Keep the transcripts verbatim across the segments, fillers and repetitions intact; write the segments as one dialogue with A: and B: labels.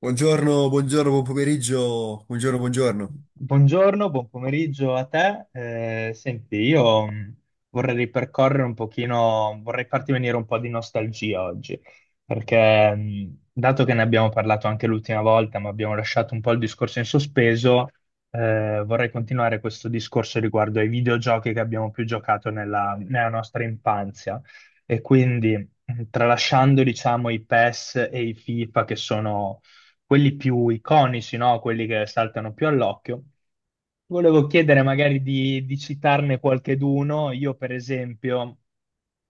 A: Buongiorno, buongiorno, buon pomeriggio, buongiorno, buongiorno.
B: Buongiorno, buon pomeriggio a te. Eh, senti, io mh, vorrei ripercorrere un pochino, vorrei farti venire un po' di nostalgia oggi, perché mh, dato che ne abbiamo parlato anche l'ultima volta, ma abbiamo lasciato un po' il discorso in sospeso, eh, vorrei continuare questo discorso riguardo ai videogiochi che abbiamo più giocato nella, nella nostra infanzia. E quindi, mh, tralasciando, diciamo, i PES e i FIFA, che sono quelli più iconici, no? Quelli che saltano più all'occhio. Volevo chiedere magari di, di citarne qualcheduno. Io, per esempio,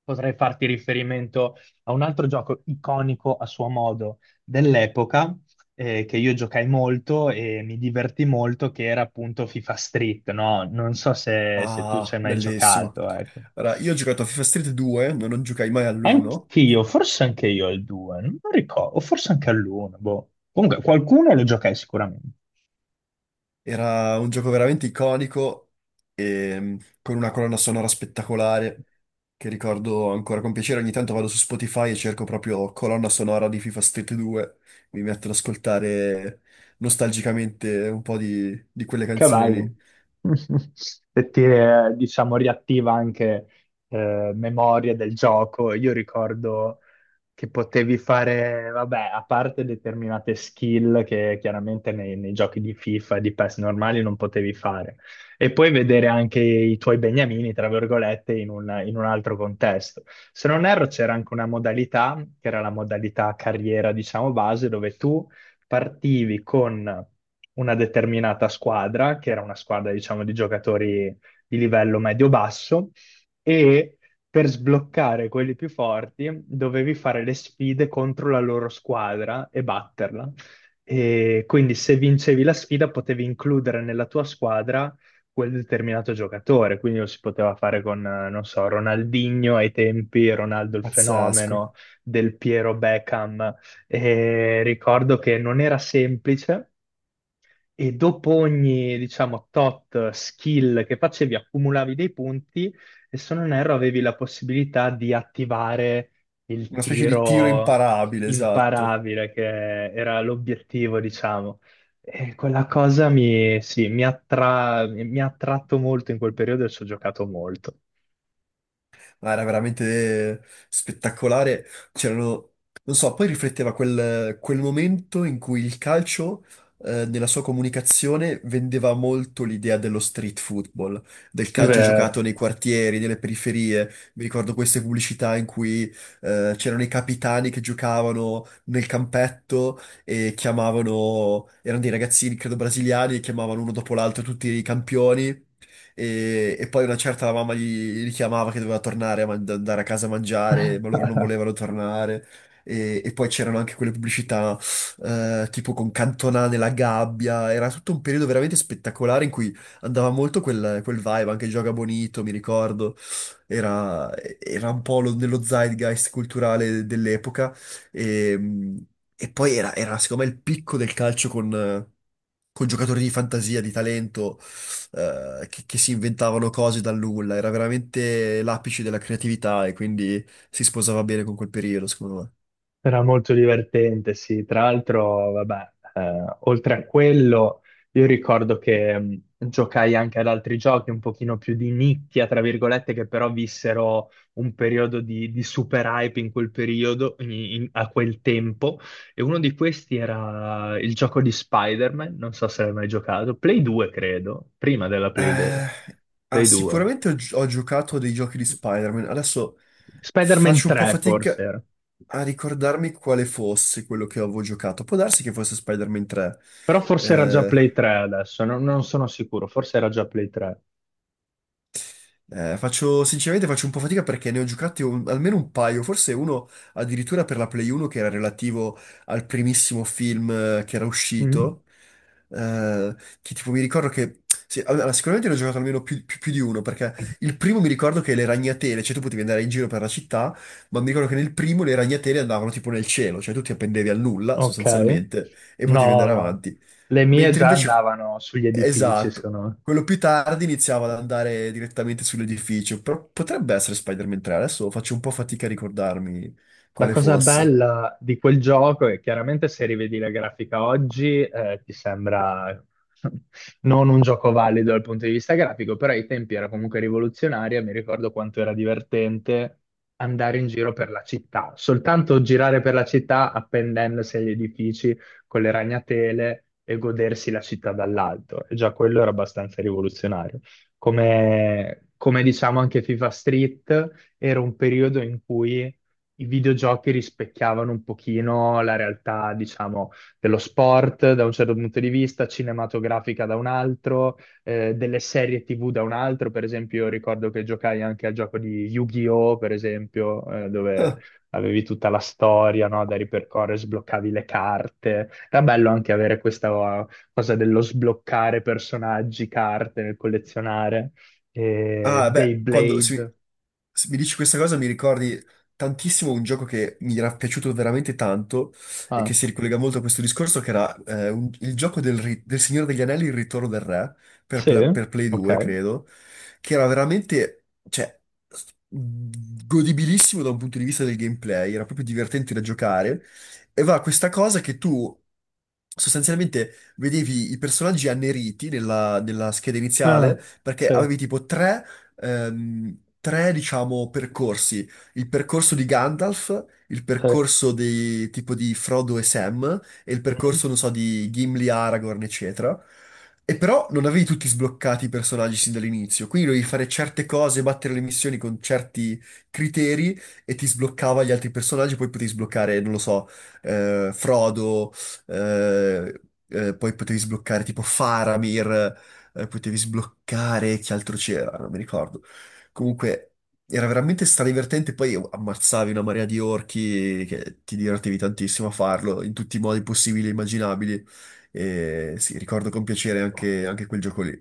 B: potrei farti riferimento a un altro gioco iconico a suo modo dell'epoca, eh, che io giocai molto e mi divertì molto, che era appunto FIFA Street, no? Non so se, se tu ci
A: Ah,
B: hai mai
A: bellissimo.
B: giocato, ecco.
A: Allora, io ho giocato a FIFA Street due, non, non giocai mai all'uno.
B: Anch'io, forse anche io al due, non ricordo, o forse anche all'uno, boh. Comunque qualcuno lo giocai sicuramente.
A: Era un gioco veramente iconico, ehm, con una colonna sonora spettacolare, che ricordo ancora con piacere. Ogni tanto vado su Spotify e cerco proprio colonna sonora di FIFA Street due. Mi metto ad ascoltare nostalgicamente un po' di, di quelle canzoni
B: Cavallo.
A: lì.
B: E ti, eh, diciamo, riattiva anche eh, memorie del gioco. Io ricordo che potevi fare, vabbè, a parte determinate skill che chiaramente nei, nei giochi di FIFA e di PES normali non potevi fare. E poi vedere anche i tuoi beniamini, tra virgolette, in un, in un altro contesto. Se non erro, c'era anche una modalità, che era la modalità carriera, diciamo, base, dove tu partivi con una determinata squadra, che era una squadra, diciamo, di giocatori di livello medio-basso, e per sbloccare quelli più forti dovevi fare le sfide contro la loro squadra e batterla. E quindi se vincevi la sfida potevi includere nella tua squadra quel determinato giocatore, quindi lo si poteva fare con, eh, non so, Ronaldinho ai tempi, Ronaldo il
A: Pazzesco.
B: fenomeno, Del Piero, Beckham, e ricordo che non era semplice e dopo ogni, diciamo, tot skill che facevi accumulavi dei punti e se non erro avevi la possibilità di attivare il
A: Una specie di tiro
B: tiro
A: imparabile, esatto.
B: imparabile, che era l'obiettivo, diciamo. E quella cosa mi, sì, mi attra- mi ha attratto molto in quel periodo e ci ho giocato molto.
A: No, era veramente spettacolare. C'erano, non so, poi rifletteva quel, quel momento in cui il calcio, eh, nella sua comunicazione, vendeva molto l'idea dello street football, del
B: È
A: calcio giocato
B: vero.
A: nei quartieri, nelle periferie. Mi ricordo queste pubblicità in cui, eh, c'erano i capitani che giocavano nel campetto e chiamavano, erano dei ragazzini, credo brasiliani, e chiamavano uno dopo l'altro tutti i campioni e, e poi una certa la mamma gli richiamava che doveva tornare a man- andare a casa a mangiare, ma loro non volevano tornare. E, e poi c'erano anche quelle pubblicità eh, tipo con Cantona nella gabbia, era tutto un periodo veramente spettacolare in cui andava molto quel, quel vibe, anche Gioca Bonito, mi ricordo, era, era un po' lo- nello zeitgeist culturale dell'epoca e, e poi era, era secondo me il picco del calcio con, con giocatori di fantasia, di talento eh, che, che si inventavano cose dal nulla, era veramente l'apice della creatività e quindi si sposava bene con quel periodo, secondo me.
B: Era molto divertente, sì. Tra l'altro, vabbè, eh, oltre a quello, io ricordo che mh, giocai anche ad altri giochi un pochino più di nicchia, tra virgolette, che però vissero un periodo di, di super hype in quel periodo, in- in- a quel tempo. E uno di questi era il gioco di Spider-Man, non so se l'hai mai giocato, Play due, credo, prima della Play, de-
A: Eh, ah,
B: Play due.
A: sicuramente ho, gi- ho giocato a dei giochi di Spider-Man. Adesso
B: Spider-Man
A: faccio un po'
B: tre,
A: fatica
B: forse era.
A: a ricordarmi quale fosse quello che avevo giocato. Può darsi che fosse Spider-Man tre.
B: Però forse era già Play tre adesso, non, non sono sicuro, forse era già Play tre.
A: Eh, faccio, sinceramente faccio un po' fatica perché ne ho giocati un- almeno un paio, forse uno addirittura per la Play uno che era relativo al primissimo film eh, che era
B: Mm?
A: uscito, eh, che tipo mi ricordo che, sì, allora, sicuramente ne ho giocato almeno più, più- più di uno, perché il primo mi ricordo che le ragnatele, cioè tu potevi andare in giro per la città, ma mi ricordo che nel primo le ragnatele andavano tipo nel cielo, cioè tu ti appendevi al nulla
B: Ok.
A: sostanzialmente e potevi
B: No,
A: andare
B: no.
A: avanti,
B: Le mie
A: mentre
B: già
A: invece
B: andavano sugli edifici,
A: esatto.
B: secondo me.
A: Quello più tardi iniziava ad andare direttamente sull'edificio, però potrebbe essere Spider-Man tre, adesso faccio un po' fatica a ricordarmi
B: La
A: quale
B: cosa
A: fosse.
B: bella di quel gioco è chiaramente se rivedi la grafica oggi, eh, ti sembra non un gioco valido dal punto di vista grafico, però ai tempi era comunque rivoluzionaria. Mi ricordo quanto era divertente andare in giro per la città, soltanto girare per la città appendendosi agli edifici con le ragnatele e godersi la città dall'alto. E già quello era abbastanza rivoluzionario. Come, come diciamo anche FIFA Street, era un periodo in cui i videogiochi rispecchiavano un pochino la realtà, diciamo, dello sport da un certo punto di vista, cinematografica da un altro, eh, delle serie tivù da un altro. Per esempio, io ricordo che giocai anche al gioco di Yu-Gi-Oh!, per esempio, eh, dove avevi tutta la storia, no, da ripercorrere, sbloccavi le carte. Era bello anche avere questa eh, cosa dello sbloccare personaggi, carte, nel collezionare. Eh,
A: Ah, beh, quando
B: Beyblade.
A: si- se mi dici questa cosa mi ricordi tantissimo un gioco che mi era piaciuto veramente tanto e
B: Ah,
A: che si ricollega molto a questo discorso, che era eh, un- il gioco del, ri- del Signore degli Anelli, Il Ritorno del Re, per,
B: sì,
A: Pla- per Play
B: ok.
A: due, credo, che era veramente, cioè, s- godibilissimo da un punto di vista del gameplay, era proprio divertente da giocare, e va questa cosa che tu sostanzialmente vedevi i personaggi anneriti nella, nella scheda
B: Ah,
A: iniziale perché
B: sì,
A: avevi tipo tre ehm, tre, diciamo, percorsi. Il percorso di Gandalf, il
B: sì.
A: percorso di, tipo di Frodo e Sam e il
B: Mhm.
A: percorso, non so, di Gimli, Aragorn, eccetera. E però non avevi tutti sbloccati i personaggi sin dall'inizio, quindi dovevi fare certe cose, battere le missioni con certi criteri e ti sbloccava gli altri personaggi, poi potevi sbloccare, non lo so, eh, Frodo, eh, eh, poi potevi sbloccare tipo Faramir, eh, potevi sbloccare, che altro c'era, non mi ricordo. Comunque era veramente stradivertente, poi ammazzavi una marea di orchi che ti divertivi tantissimo a farlo in tutti i modi possibili e immaginabili. E sì, ricordo con piacere anche anche quel gioco lì.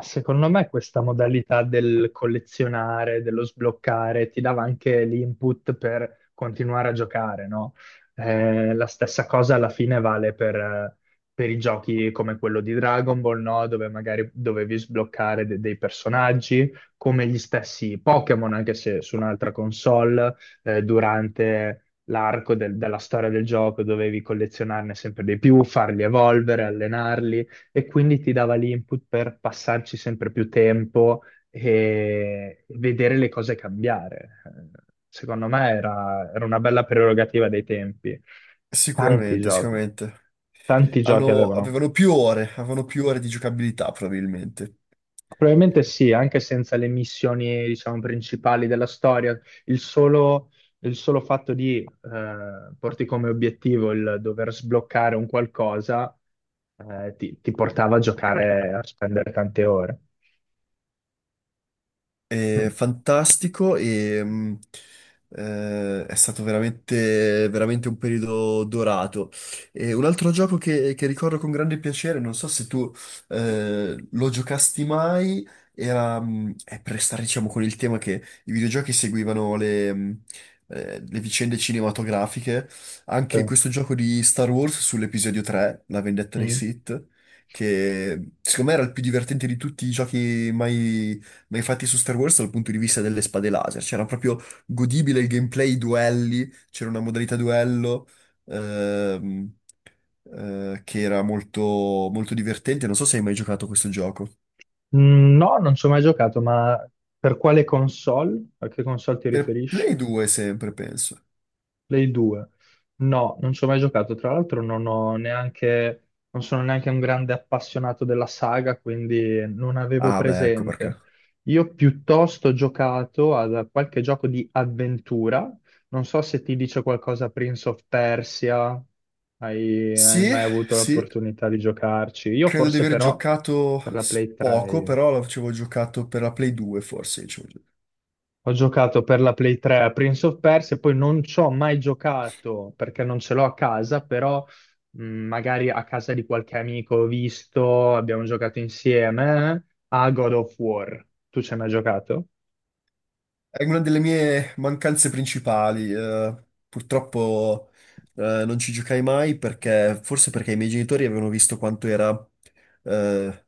B: Secondo me questa modalità del collezionare, dello sbloccare, ti dava anche l'input per continuare a giocare, no? Eh, la stessa cosa alla fine vale per, eh, per i giochi come quello di Dragon Ball, no? Dove magari dovevi sbloccare de- dei personaggi, come gli stessi Pokémon, anche se su un'altra console, eh, durante l'arco del- della storia del gioco dovevi collezionarne sempre di più, farli evolvere, allenarli, e quindi ti dava l'input per passarci sempre più tempo e vedere le cose cambiare. Eh, Secondo me era, era una bella prerogativa dei tempi. Tanti
A: Sicuramente,
B: giochi,
A: sicuramente.
B: tanti giochi
A: Hanno-
B: avevano.
A: avevano più ore, avevano più ore di giocabilità probabilmente.
B: Probabilmente sì, anche senza le missioni, diciamo, principali della storia, il solo, il solo fatto di eh, porti come obiettivo il dover sbloccare un qualcosa eh, ti, ti portava a giocare, a spendere tante ore. Mm.
A: È fantastico e mh, eh, è stato veramente, veramente un periodo dorato. E un altro gioco che, che ricordo con grande piacere, non so se tu eh, lo giocasti mai, era mh, è per restare diciamo con il tema che i videogiochi seguivano le, mh, eh, le vicende cinematografiche,
B: Sì.
A: anche questo gioco di Star Wars sull'episodio tre, La vendetta dei
B: Mm.
A: Sith. Che secondo me era il più divertente di tutti i giochi mai, ma infatti su Star Wars dal punto di vista delle spade laser c'era proprio godibile il gameplay, i duelli, c'era una modalità duello ehm, eh, che era molto, molto divertente. Non so se hai mai giocato a questo gioco.
B: Mm, no, non ci ho mai giocato, ma per quale console? A che console ti
A: Per
B: riferisci?
A: Play due sempre, penso.
B: Play due. No, non ci ho mai giocato. Tra l'altro non ho neanche, non sono neanche un grande appassionato della saga, quindi non avevo
A: Ah beh, ecco perché.
B: presente. Io piuttosto ho giocato a qualche gioco di avventura. Non so se ti dice qualcosa Prince of Persia. Hai, hai
A: Sì,
B: mai avuto
A: sì,
B: l'opportunità di giocarci? Io
A: credo di
B: forse
A: aver
B: però
A: giocato
B: per la
A: s-
B: Play tre,
A: poco,
B: io
A: però l'avevo giocato per la Play due forse. Diciamo.
B: ho giocato per la Play tre a Prince of Persia, poi non ci ho mai giocato perché non ce l'ho a casa, però mh, magari a casa di qualche amico ho visto, abbiamo giocato insieme eh, a God of War. Tu ci hai mai giocato?
A: È una delle mie mancanze principali. Eh, purtroppo eh, non ci giocai mai perché, forse perché i miei genitori avevano visto quanto era eh,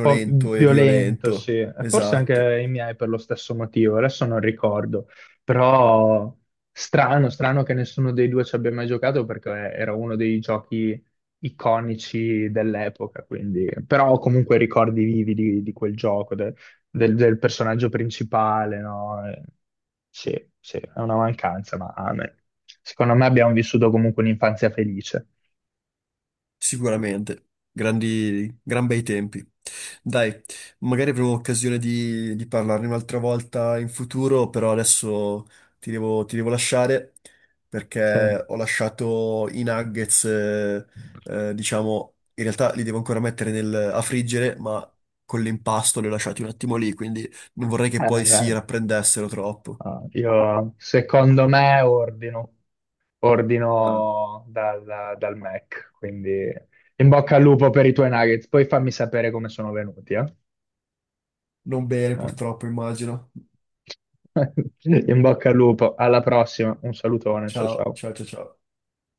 B: Po'
A: e
B: violento, sì.
A: violento.
B: E forse
A: Esatto.
B: anche i miei per lo stesso motivo, adesso non ricordo, però strano, strano che nessuno dei due ci abbia mai giocato perché era uno dei giochi iconici dell'epoca, quindi, però ho comunque ricordi vivi di, di quel gioco, de- del, del personaggio principale, no? E- Sì, sì, è una mancanza, ma ah, beh, secondo me abbiamo vissuto comunque un'infanzia felice.
A: Sicuramente, grandi, gran bei tempi. Dai, magari avremo occasione di, di parlarne un'altra volta in futuro, però adesso ti devo, ti devo lasciare
B: Sì.
A: perché ho lasciato i nuggets, eh, eh, diciamo, in realtà li devo ancora mettere nel- a friggere, ma con l'impasto li ho lasciati un attimo lì, quindi non vorrei
B: Eh,
A: che poi
B: eh.
A: si rapprendessero troppo.
B: Ah, io secondo me ordino,
A: Ah.
B: ordino dal, dal Mac, quindi in bocca al lupo per i tuoi nuggets, poi fammi sapere come sono venuti, eh?
A: Non bene,
B: Eh.
A: purtroppo, immagino.
B: In bocca al lupo, alla prossima, un salutone, ciao
A: Ciao,
B: ciao.
A: ciao, ciao, ciao.